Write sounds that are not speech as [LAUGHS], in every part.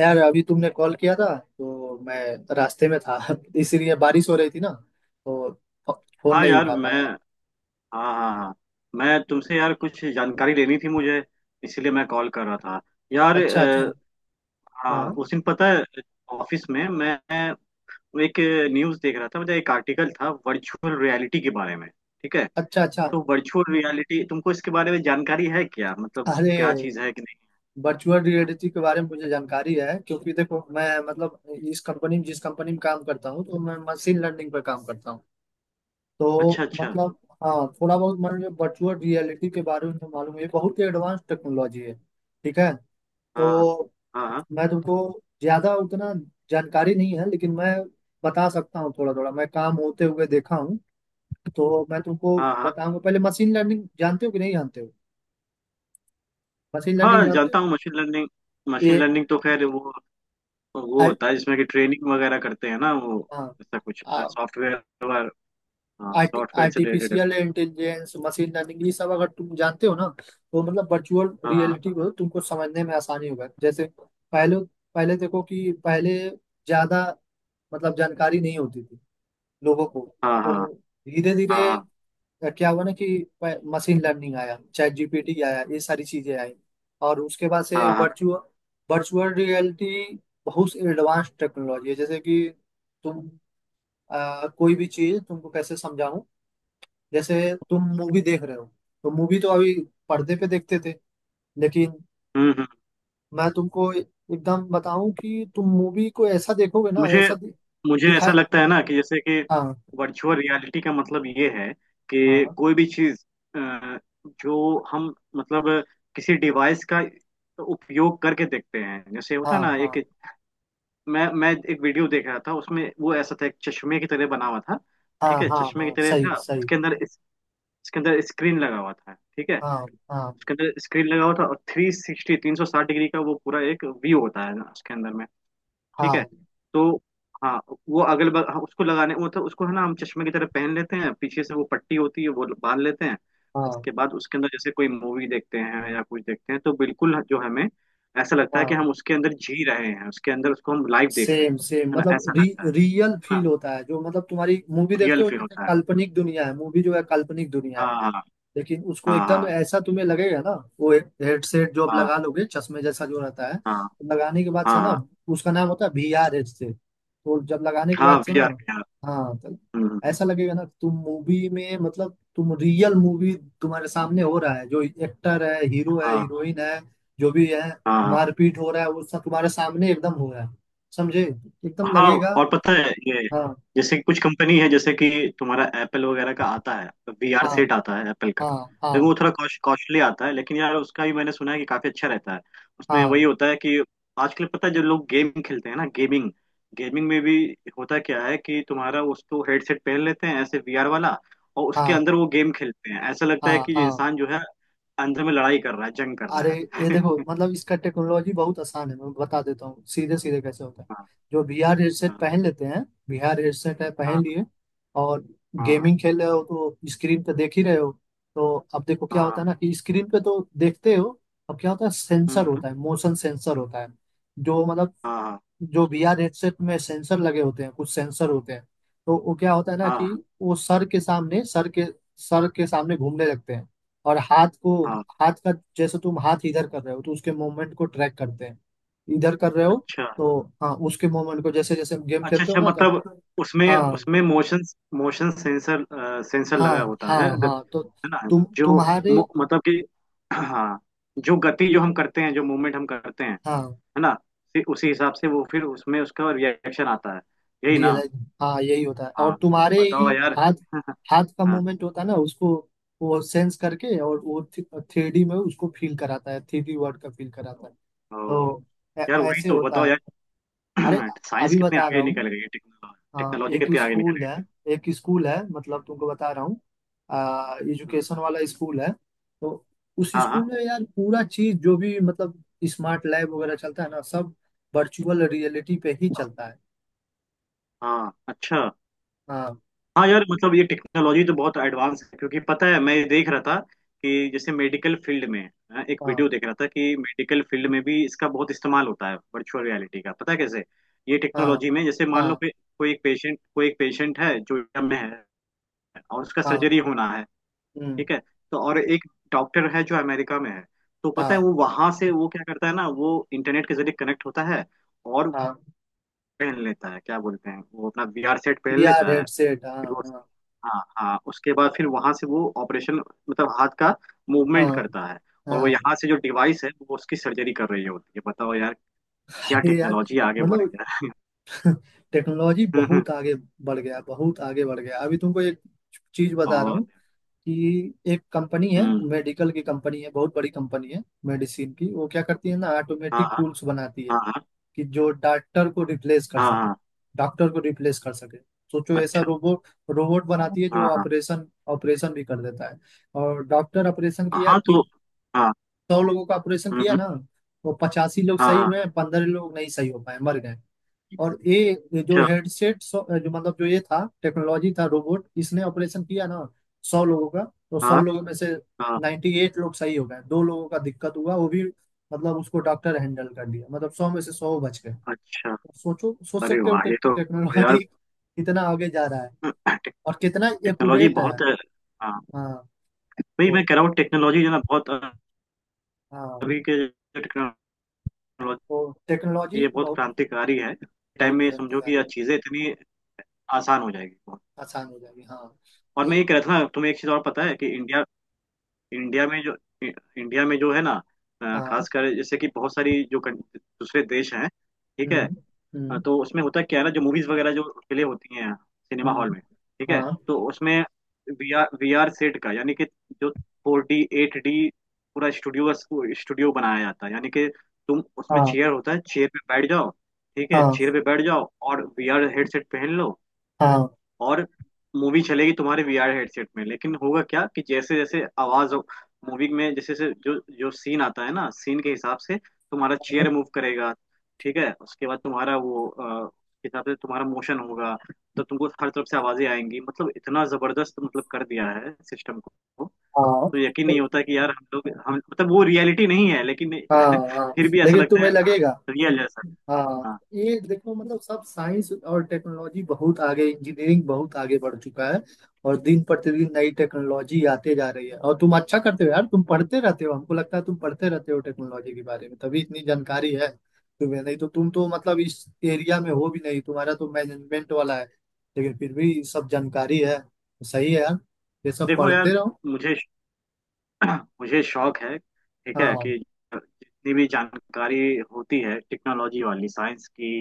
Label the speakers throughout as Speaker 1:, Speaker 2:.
Speaker 1: यार अभी तुमने कॉल किया था तो मैं रास्ते में था [LAUGHS] इसीलिए बारिश हो रही थी ना तो फोन
Speaker 2: हाँ
Speaker 1: नहीं
Speaker 2: यार।
Speaker 1: उठा
Speaker 2: मैं
Speaker 1: पाया।
Speaker 2: हाँ, हाँ, हाँ। मैं तुमसे यार कुछ जानकारी लेनी थी मुझे, इसीलिए मैं कॉल कर रहा था यार।
Speaker 1: अच्छा अच्छा।
Speaker 2: हाँ
Speaker 1: हाँ।
Speaker 2: उस दिन पता है, ऑफिस में मैं एक न्यूज़ देख रहा था, मतलब एक आर्टिकल था वर्चुअल रियलिटी के बारे में, ठीक है।
Speaker 1: अच्छा अच्छा।
Speaker 2: तो वर्चुअल रियलिटी, तुमको इसके बारे में जानकारी है क्या, मतलब
Speaker 1: अरे
Speaker 2: क्या चीज़ है कि नहीं?
Speaker 1: वर्चुअल
Speaker 2: हाँ?
Speaker 1: रियलिटी के बारे में मुझे जानकारी है क्योंकि देखो मैं मतलब इस कंपनी में जिस कंपनी में काम करता हूँ तो मैं मशीन लर्निंग पर काम करता हूँ
Speaker 2: अच्छा
Speaker 1: तो
Speaker 2: अच्छा।
Speaker 1: मतलब हाँ थोड़ा बहुत मुझे वर्चुअल रियलिटी के बारे में तो मालूम है। ये बहुत ही एडवांस टेक्नोलॉजी है ठीक है।
Speaker 2: हाँ,
Speaker 1: तो
Speaker 2: हाँ, हाँ,
Speaker 1: मैं तुमको ज्यादा उतना जानकारी नहीं है लेकिन मैं बता सकता हूँ थोड़ा थोड़ा मैं काम होते हुए देखा हूँ। तो मैं तुमको
Speaker 2: हाँ, हाँ।
Speaker 1: बताऊंगा पहले मशीन लर्निंग जानते हो कि नहीं जानते हो। मशीन लर्निंग
Speaker 2: हाँ
Speaker 1: जानते
Speaker 2: जानता
Speaker 1: हो?
Speaker 2: हूँ मशीन लर्निंग। मशीन
Speaker 1: ये
Speaker 2: लर्निंग तो खैर वो
Speaker 1: आर्ट
Speaker 2: होता है जिसमें कि ट्रेनिंग वगैरह करते हैं ना, वो
Speaker 1: हाँ
Speaker 2: ऐसा कुछ
Speaker 1: आ-
Speaker 2: सॉफ्टवेयर। हाँ
Speaker 1: आर्टि,
Speaker 2: सॉफ्टवेयर से रिलेटेड है।
Speaker 1: आर्टिफिशियल इंटेलिजेंस मशीन लर्निंग ये सब अगर तुम जानते हो ना तो मतलब वर्चुअल
Speaker 2: हाँ
Speaker 1: रियलिटी को तुमको समझने में आसानी होगा। जैसे पहले पहले देखो कि पहले ज्यादा मतलब जानकारी नहीं होती थी लोगों को।
Speaker 2: हाँ, हाँ,
Speaker 1: तो धीरे
Speaker 2: हाँ, हाँ,
Speaker 1: धीरे क्या हुआ ना कि मशीन लर्निंग आया चैट जीपीटी आया ये सारी चीजें आई। और उसके बाद से
Speaker 2: हाँ, हाँ,
Speaker 1: वर्चुअल वर्चुअल रियलिटी बहुत एडवांस टेक्नोलॉजी है। जैसे कि तुम कोई भी चीज तुमको कैसे समझाऊं। जैसे तुम मूवी देख रहे हो तो मूवी तो अभी पर्दे पे देखते थे लेकिन
Speaker 2: हम्म, हम्म।
Speaker 1: मैं तुमको एकदम बताऊं कि तुम मूवी को ऐसा देखोगे ना
Speaker 2: मुझे
Speaker 1: ऐसा
Speaker 2: मुझे
Speaker 1: दिखा।
Speaker 2: ऐसा लगता है ना कि जैसे कि
Speaker 1: हाँ
Speaker 2: वर्चुअल रियलिटी का मतलब ये है कि
Speaker 1: हाँ
Speaker 2: कोई भी चीज जो हम मतलब किसी डिवाइस का उपयोग करके देखते हैं, जैसे होता है
Speaker 1: हाँ।
Speaker 2: ना एक।
Speaker 1: हाँ
Speaker 2: मैं एक वीडियो देख रहा था, उसमें वो ऐसा था, एक चश्मे की तरह बना हुआ था,
Speaker 1: हाँ
Speaker 2: ठीक है,
Speaker 1: हाँ।
Speaker 2: चश्मे की
Speaker 1: हाँ
Speaker 2: तरह
Speaker 1: सही
Speaker 2: था।
Speaker 1: सही।
Speaker 2: उसके अंदर स्क्रीन लगा हुआ था, ठीक है।
Speaker 1: हाँ हाँ
Speaker 2: उसके अंदर स्क्रीन लगा हुआ था, और 360 360 डिग्री का वो पूरा एक व्यू होता है ना उसके अंदर में, ठीक है।
Speaker 1: हाँ।
Speaker 2: तो हाँ वो अगल बगल। हाँ, उसको लगाने वो तो उसको है ना, हम चश्मे की तरह पहन लेते हैं, पीछे से वो पट्टी होती है, वो बांध लेते हैं।
Speaker 1: हाँ
Speaker 2: उसके बाद उसके अंदर जैसे कोई मूवी देखते हैं या कुछ देखते हैं, तो बिल्कुल जो हमें ऐसा लगता है कि
Speaker 1: हाँ।
Speaker 2: हम उसके अंदर जी रहे हैं, उसके अंदर उसको हम लाइव देख रहे हैं।
Speaker 1: सेम सेम
Speaker 2: है ना?
Speaker 1: मतलब
Speaker 2: ऐसा लगता है
Speaker 1: रियल
Speaker 2: है ना।
Speaker 1: फील होता है। जो मतलब तुम्हारी मूवी देखते
Speaker 2: रियल
Speaker 1: हो
Speaker 2: फील
Speaker 1: जैसे
Speaker 2: होता है।
Speaker 1: काल्पनिक दुनिया है, मूवी जो है काल्पनिक दुनिया है
Speaker 2: हाँ हाँ,
Speaker 1: लेकिन उसको एकदम
Speaker 2: हाँ,
Speaker 1: ऐसा तुम्हें लगेगा ना वो हेडसेट जो आप
Speaker 2: हाँ,
Speaker 1: लगा लोगे चश्मे जैसा जो रहता है
Speaker 2: हाँ,
Speaker 1: तो लगाने के बाद
Speaker 2: हाँ,
Speaker 1: से ना
Speaker 2: हाँ।
Speaker 1: उसका नाम होता है VR हेडसेट। तो जब लगाने के
Speaker 2: हाँ
Speaker 1: बाद से
Speaker 2: वी
Speaker 1: ना,
Speaker 2: आर वी
Speaker 1: हाँ, तो
Speaker 2: आर
Speaker 1: ऐसा लगेगा ना तुम मूवी में मतलब तुम रियल मूवी तुम्हारे सामने हो रहा है। जो एक्टर है हीरो है
Speaker 2: हाँ,
Speaker 1: हीरोइन है जो भी है
Speaker 2: हाँ,
Speaker 1: मारपीट हो रहा है वो सब तुम्हारे सामने एकदम हो रहा है। समझे? एकदम
Speaker 2: हाँ।
Speaker 1: लगेगा।
Speaker 2: और पता है ये,
Speaker 1: हाँ
Speaker 2: जैसे कुछ कंपनी है जैसे कि तुम्हारा एप्पल वगैरह का आता है, वीआर
Speaker 1: हाँ
Speaker 2: सेट आता है एप्पल का।
Speaker 1: हाँ
Speaker 2: लेकिन
Speaker 1: हाँ।
Speaker 2: वो थोड़ा कॉस्टली आता है, लेकिन यार उसका भी मैंने सुना है कि काफी अच्छा रहता है। उसमें
Speaker 1: हाँ
Speaker 2: वही होता है कि आजकल पता है जो लोग गेम खेलते हैं ना, गेमिंग, में भी होता क्या है कि तुम्हारा उसको हेडसेट पहन लेते हैं ऐसे वीआर वाला, और उसके
Speaker 1: हाँ
Speaker 2: अंदर वो गेम खेलते हैं, ऐसा लगता है
Speaker 1: हाँ
Speaker 2: कि ये
Speaker 1: हाँ।
Speaker 2: इंसान जो है अंदर में लड़ाई कर रहा है, जंग कर
Speaker 1: अरे
Speaker 2: रहा
Speaker 1: ये
Speaker 2: है।
Speaker 1: देखो मतलब इसका टेक्नोलॉजी बहुत आसान है मैं बता देता हूँ सीधे सीधे कैसे होता है।
Speaker 2: [LAUGHS] हाँ,
Speaker 1: जो VR हेडसेट पहन लेते हैं, VR हेडसेट है पहन
Speaker 2: हाँ,
Speaker 1: लिए, और
Speaker 2: हाँ, हाँ,
Speaker 1: गेमिंग खेल रहे हो तो स्क्रीन पे देख ही रहे हो। तो अब देखो क्या
Speaker 2: हाँ,
Speaker 1: होता है ना कि स्क्रीन पे तो देखते हो। अब क्या होता है सेंसर
Speaker 2: हाँ,
Speaker 1: होता है, मोशन सेंसर होता है, जो मतलब
Speaker 2: हाँ,
Speaker 1: जो VR हेडसेट में सेंसर लगे होते हैं कुछ सेंसर होते हैं। तो वो क्या होता है ना
Speaker 2: हाँ,
Speaker 1: कि वो सर के सामने घूमने लगते हैं। और हाथ को
Speaker 2: हाँ।
Speaker 1: हाथ का जैसे तुम हाथ इधर कर रहे हो तो उसके मूवमेंट को ट्रैक करते हैं। इधर कर रहे हो
Speaker 2: अच्छा
Speaker 1: तो हाँ उसके मूवमेंट को जैसे जैसे हम गेम
Speaker 2: अच्छा।
Speaker 1: खेलते हो
Speaker 2: अच्छा
Speaker 1: ना तब।
Speaker 2: मतलब उसमें
Speaker 1: हाँ
Speaker 2: उसमें मोशन मोशन सेंसर सेंसर
Speaker 1: हाँ।
Speaker 2: लगा होता
Speaker 1: हाँ
Speaker 2: है, गति,
Speaker 1: हाँ। तो
Speaker 2: है ना। जो
Speaker 1: तुम्हारे
Speaker 2: मतलब कि, हाँ, जो गति जो हम करते हैं, जो मूवमेंट हम करते हैं, है
Speaker 1: हाँ
Speaker 2: ना, फिर उसी हिसाब से वो फिर उसमें उसका रिएक्शन आता है, यही ना।
Speaker 1: रियलाइज हाँ यही होता है।
Speaker 2: हाँ
Speaker 1: और तुम्हारे ही
Speaker 2: बताओ यार।
Speaker 1: हाथ
Speaker 2: [LAUGHS]
Speaker 1: हाथ का
Speaker 2: हाँ।
Speaker 1: मूवमेंट होता है ना उसको वो सेंस करके और वो थ्री डी में उसको फील कराता है, 3D वर्ल्ड का फील कराता है।
Speaker 2: ओ
Speaker 1: तो
Speaker 2: यार वही
Speaker 1: ऐसे
Speaker 2: तो
Speaker 1: होता
Speaker 2: बताओ
Speaker 1: है।
Speaker 2: यार।
Speaker 1: अरे
Speaker 2: [CLEARS THROAT] साइंस
Speaker 1: अभी
Speaker 2: कितने
Speaker 1: बता रहा
Speaker 2: आगे
Speaker 1: हूँ।
Speaker 2: निकल गई है, टेक्नोलॉजी
Speaker 1: हाँ
Speaker 2: टेक्नोलॉजी
Speaker 1: एक
Speaker 2: कितनी आगे
Speaker 1: स्कूल
Speaker 2: निकल
Speaker 1: है,
Speaker 2: गई
Speaker 1: एक स्कूल है मतलब तुमको बता रहा हूँ, आ
Speaker 2: है।
Speaker 1: एजुकेशन वाला स्कूल है। तो उस
Speaker 2: हाँ, हाँ,
Speaker 1: स्कूल में यार पूरा चीज जो भी मतलब स्मार्ट लैब वगैरह चलता है ना सब वर्चुअल रियलिटी पे ही चलता है।
Speaker 2: हाँ, अच्छा।
Speaker 1: हाँ
Speaker 2: हाँ यार मतलब ये टेक्नोलॉजी तो बहुत एडवांस है, क्योंकि पता है मैं देख रहा था कि जैसे मेडिकल फील्ड में, हाँ, एक
Speaker 1: हाँ
Speaker 2: वीडियो देख रहा था कि मेडिकल फील्ड में भी इसका बहुत इस्तेमाल होता है वर्चुअल रियलिटी का, पता है कैसे। ये
Speaker 1: हाँ।
Speaker 2: टेक्नोलॉजी में जैसे मान लो
Speaker 1: हाँ
Speaker 2: कि कोई एक पेशेंट है जो इंडिया में है, और उसका
Speaker 1: हाँ
Speaker 2: सर्जरी होना है,
Speaker 1: हम्म।
Speaker 2: ठीक है। तो और एक डॉक्टर है जो अमेरिका में है। तो पता है
Speaker 1: हाँ
Speaker 2: वो वहां से वो क्या करता है ना, वो इंटरनेट के जरिए कनेक्ट होता है और
Speaker 1: हाँ।
Speaker 2: पहन लेता है, क्या बोलते हैं वो, अपना वीआर सेट पहन
Speaker 1: बी आर
Speaker 2: लेता है।
Speaker 1: हेडसेट हाँ
Speaker 2: फिर वो,
Speaker 1: हाँ।
Speaker 2: हाँ, हाँ, उसके बाद फिर वहां से वो ऑपरेशन मतलब हाथ का मूवमेंट
Speaker 1: हाँ
Speaker 2: करता है, और वो
Speaker 1: हाँ।
Speaker 2: यहाँ से जो डिवाइस है वो उसकी सर्जरी कर रही होती है। बताओ यार, क्या
Speaker 1: अरे यार
Speaker 2: टेक्नोलॉजी आगे बढ़
Speaker 1: मतलब
Speaker 2: गया है।
Speaker 1: टेक्नोलॉजी
Speaker 2: [LAUGHS]
Speaker 1: बहुत आगे बढ़ गया, बहुत आगे बढ़ गया। अभी तुमको एक चीज बता रहा
Speaker 2: और
Speaker 1: हूँ कि एक कंपनी है
Speaker 2: हम्म,
Speaker 1: मेडिकल की कंपनी है, बहुत बड़ी कंपनी है मेडिसिन की। वो क्या करती है ना
Speaker 2: हाँ,
Speaker 1: ऑटोमेटिक
Speaker 2: हाँ,
Speaker 1: टूल्स बनाती है
Speaker 2: हाँ, हाँ,
Speaker 1: कि जो डॉक्टर को रिप्लेस कर
Speaker 2: हाँ,
Speaker 1: सके।
Speaker 2: हाँ,
Speaker 1: डॉक्टर को रिप्लेस कर सके। सोचो ऐसा
Speaker 2: अच्छा।
Speaker 1: रोबोट, रोबोट बनाती है जो
Speaker 2: हाँ, हाँ,
Speaker 1: ऑपरेशन, ऑपरेशन भी कर देता है। और डॉक्टर ऑपरेशन किया,
Speaker 2: हाँ। तो हाँ,
Speaker 1: 100 लोगों का ऑपरेशन
Speaker 2: हम्म,
Speaker 1: किया ना, वो 85 लोग
Speaker 2: हाँ,
Speaker 1: सही
Speaker 2: हाँ,
Speaker 1: हुए, 15 लोग नहीं सही हो पाए मर गए। और ये जो
Speaker 2: अच्छा,
Speaker 1: हेडसेट जो मतलब जो ये था टेक्नोलॉजी था रोबोट इसने ऑपरेशन किया ना 100 लोगों का। तो सौ
Speaker 2: हाँ,
Speaker 1: लोगों में से
Speaker 2: हाँ,
Speaker 1: 98 लोग सही हो गए, दो लोगों का दिक्कत हुआ वो भी मतलब उसको डॉक्टर हैंडल कर लिया, मतलब 100 में से 100 बच गए।
Speaker 2: अच्छा।
Speaker 1: सोचो सोच
Speaker 2: अरे
Speaker 1: सकते हो
Speaker 2: वाह ये तो यार,
Speaker 1: टेक्नोलॉजी कितना आगे जा रहा है
Speaker 2: टे-
Speaker 1: और कितना
Speaker 2: टेक्नोलॉजी
Speaker 1: एक्यूरेट है।
Speaker 2: बहुत, हाँ
Speaker 1: हाँ।
Speaker 2: वही
Speaker 1: तो
Speaker 2: मैं कह रहा हूँ टेक्नोलॉजी जो है ना बहुत,
Speaker 1: हाँ
Speaker 2: अभी के जो टेक्नोलॉजी,
Speaker 1: तो टेक्नोलॉजी
Speaker 2: ये बहुत
Speaker 1: बहुत
Speaker 2: क्रांतिकारी है, टाइम
Speaker 1: बहुत
Speaker 2: में समझो कि ये
Speaker 1: क्रांतिकारी
Speaker 2: चीजें इतनी आसान हो जाएगी।
Speaker 1: आसान हो जाएगी हाँ।
Speaker 2: और
Speaker 1: तो
Speaker 2: मैं ये कह रहा था ना तुम्हें एक चीज और, पता है कि इंडिया, इंडिया में जो इंडिया में जो है ना,
Speaker 1: हाँ।
Speaker 2: खासकर जैसे कि बहुत सारी जो दूसरे देश हैं, ठीक है।
Speaker 1: हम्म
Speaker 2: हाँ,
Speaker 1: हम्म
Speaker 2: तो उसमें होता क्या है ना, जो मूवीज वगैरह जो प्ले होती हैं सिनेमा हॉल
Speaker 1: हम्म।
Speaker 2: में, ठीक है।
Speaker 1: हाँ
Speaker 2: तो उसमें वी आर सेट का, यानी कि जो 4D 8D पूरा स्टूडियो, बनाया जाता है, यानी कि तुम उसमें
Speaker 1: हाँ
Speaker 2: चेयर होता है, चेयर पे बैठ जाओ, ठीक है,
Speaker 1: हाँ
Speaker 2: चेयर पे बैठ जाओ और वी आर हेडसेट पहन लो।
Speaker 1: हाँ।
Speaker 2: और मूवी चलेगी तुम्हारे वीआर हेडसेट में, लेकिन होगा क्या कि जैसे जैसे आवाज, मूवी में जैसे जैसे जो जो सीन आता है ना, सीन के हिसाब से तुम्हारा
Speaker 1: हाँ
Speaker 2: चेयर मूव करेगा, ठीक है। उसके बाद तुम्हारा वो उसके हिसाब से तुम्हारा मोशन होगा। तो तुमको हर तरफ से आवाजें आएंगी, मतलब इतना जबरदस्त मतलब कर दिया है सिस्टम को।
Speaker 1: हाँ हाँ
Speaker 2: तो यकीन नहीं होता कि यार हम लोग, हम मतलब वो रियलिटी नहीं है, लेकिन
Speaker 1: हाँ, हाँ,
Speaker 2: [LAUGHS]
Speaker 1: हाँ,
Speaker 2: फिर भी ऐसा
Speaker 1: लेकिन
Speaker 2: लगता है
Speaker 1: तुम्हें लगेगा।
Speaker 2: रियल जैसा।
Speaker 1: हाँ
Speaker 2: हाँ।
Speaker 1: ये देखो मतलब सब साइंस और टेक्नोलॉजी बहुत आगे, इंजीनियरिंग बहुत आगे बढ़ चुका है। और दिन प्रतिदिन नई टेक्नोलॉजी आते जा रही है और तुम अच्छा करते हो यार, तुम पढ़ते रहते हो, हमको लगता है तुम पढ़ते रहते हो टेक्नोलॉजी के बारे में तभी इतनी जानकारी है तुम्हें। नहीं तो तुम तो मतलब इस एरिया में हो भी नहीं, तुम्हारा तो मैनेजमेंट वाला है लेकिन फिर भी सब जानकारी है। सही है यार, ये सब
Speaker 2: देखो यार
Speaker 1: पढ़ते रहो।
Speaker 2: मुझे [CLEARS THROAT] मुझे शौक है, ठीक है
Speaker 1: हाँ
Speaker 2: कि जितनी भी जानकारी होती है टेक्नोलॉजी वाली, साइंस की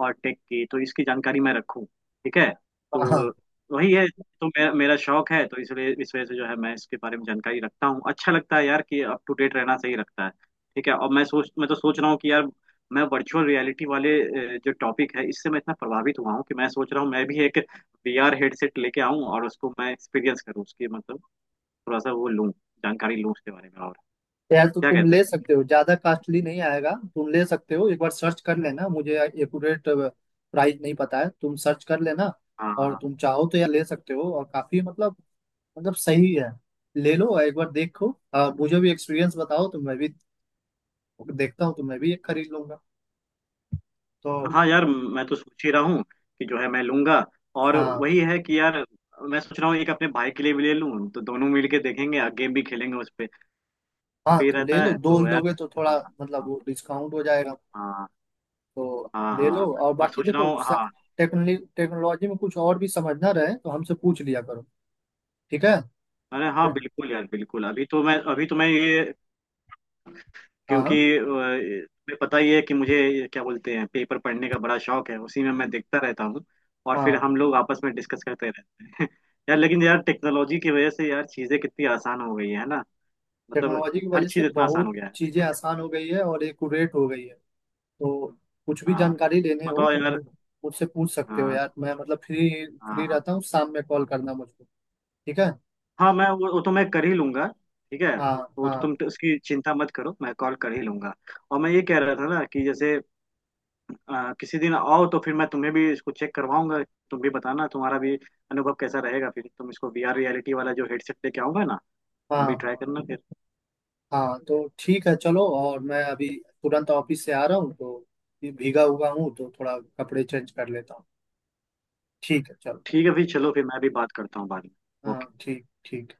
Speaker 2: और टेक की, तो इसकी जानकारी मैं रखूं, ठीक है। तो
Speaker 1: हाँ
Speaker 2: वही है, तो मेरा मेरा शौक है, तो इसलिए इस वजह से जो है मैं इसके बारे में जानकारी रखता हूँ। अच्छा लगता है यार कि अप टू डेट रहना सही रखता है, ठीक है। और मैं तो सोच रहा हूँ कि यार, मैं वर्चुअल रियलिटी वाले जो टॉपिक है, इससे मैं इतना प्रभावित हुआ हूँ कि मैं सोच रहा हूँ मैं भी एक वीआर हेडसेट लेके आऊं, और उसको मैं एक्सपीरियंस करूँ, उसकी मतलब थोड़ा सा वो लूँ, जानकारी लूँ उसके बारे में और।
Speaker 1: यार तो
Speaker 2: क्या
Speaker 1: तुम
Speaker 2: कहते हो?
Speaker 1: ले सकते हो, ज्यादा कॉस्टली नहीं आएगा, तुम ले सकते हो। एक बार सर्च कर लेना, मुझे एक्यूरेट प्राइस नहीं पता है, तुम सर्च कर लेना।
Speaker 2: हाँ, हाँ,
Speaker 1: और
Speaker 2: हाँ।
Speaker 1: तुम चाहो तो यार ले सकते हो और काफी मतलब मतलब सही है। ले लो एक बार देखो, और मुझे भी एक्सपीरियंस बताओ तो मैं भी देखता हूँ तो मैं भी एक खरीद लूंगा। तो
Speaker 2: हाँ यार मैं तो सोच ही रहा हूँ कि जो है मैं लूंगा, और
Speaker 1: हाँ
Speaker 2: वही है कि यार, मैं सोच रहा हूँ एक अपने भाई के लिए भी ले लूँ, तो दोनों मिल के देखेंगे और गेम भी खेलेंगे उस पे।
Speaker 1: हाँ
Speaker 2: फ्री
Speaker 1: तो ले
Speaker 2: रहता
Speaker 1: लो,
Speaker 2: है
Speaker 1: दो
Speaker 2: तो यार।
Speaker 1: लोगे तो थोड़ा
Speaker 2: हाँ,
Speaker 1: मतलब वो डिस्काउंट हो जाएगा।
Speaker 2: हाँ,
Speaker 1: तो
Speaker 2: हाँ,
Speaker 1: ले
Speaker 2: हाँ,
Speaker 1: लो और
Speaker 2: हाँ। और
Speaker 1: बाकी
Speaker 2: सोच रहा
Speaker 1: देखो।
Speaker 2: हूँ, हाँ।
Speaker 1: टेक्नोलॉजी टेक्नोलॉजी में कुछ और भी समझना रहे तो हमसे पूछ लिया करो ठीक है।
Speaker 2: अरे हाँ बिल्कुल यार बिल्कुल, अभी तो मैं, अभी तो मैं ये,
Speaker 1: हाँ
Speaker 2: क्योंकि तुम्हें पता ही है कि मुझे ये क्या बोलते हैं पेपर पढ़ने का बड़ा शौक है, उसी में मैं देखता रहता हूँ, और फिर
Speaker 1: हाँ
Speaker 2: हम लोग आपस में डिस्कस करते रहते हैं। [LAUGHS] यार लेकिन यार टेक्नोलॉजी की वजह से यार चीजें कितनी आसान हो गई है ना, मतलब
Speaker 1: टेक्नोलॉजी की
Speaker 2: हर
Speaker 1: वजह से
Speaker 2: चीज इतना आसान हो
Speaker 1: बहुत
Speaker 2: गया है।
Speaker 1: चीजें आसान हो गई है और एक्यूरेट हो गई है। तो कुछ भी
Speaker 2: हाँ
Speaker 1: जानकारी लेने हो
Speaker 2: बताओ
Speaker 1: तो
Speaker 2: यार।
Speaker 1: मुझसे पूछ सकते हो
Speaker 2: हाँ,
Speaker 1: यार, मैं मतलब फ्री फ्री
Speaker 2: हाँ,
Speaker 1: रहता हूँ, शाम में कॉल करना मुझको ठीक है।
Speaker 2: हाँ, मैं वो तो मैं कर ही लूंगा, ठीक है,
Speaker 1: हाँ
Speaker 2: वो तो
Speaker 1: हाँ
Speaker 2: तुम उसकी चिंता मत करो, मैं कॉल कर ही लूंगा। और मैं ये कह रहा था ना कि जैसे किसी दिन आओ तो फिर मैं तुम्हें भी इसको चेक करवाऊंगा, तुम भी बताना तुम्हारा भी अनुभव कैसा रहेगा, फिर तुम इसको वीआर रियलिटी वाला जो हेडसेट लेके आओगे ना,
Speaker 1: हाँ
Speaker 2: तुम भी ट्राई
Speaker 1: हाँ
Speaker 2: करना फिर।
Speaker 1: हाँ तो ठीक है चलो, और मैं अभी तुरंत ऑफिस से आ रहा हूँ तो ये भीगा हुआ हूँ तो थोड़ा कपड़े चेंज कर लेता हूँ ठीक है चलो।
Speaker 2: ठीक है, फिर चलो, फिर मैं भी बात करता हूँ बाद में।
Speaker 1: हाँ ठीक ठीक।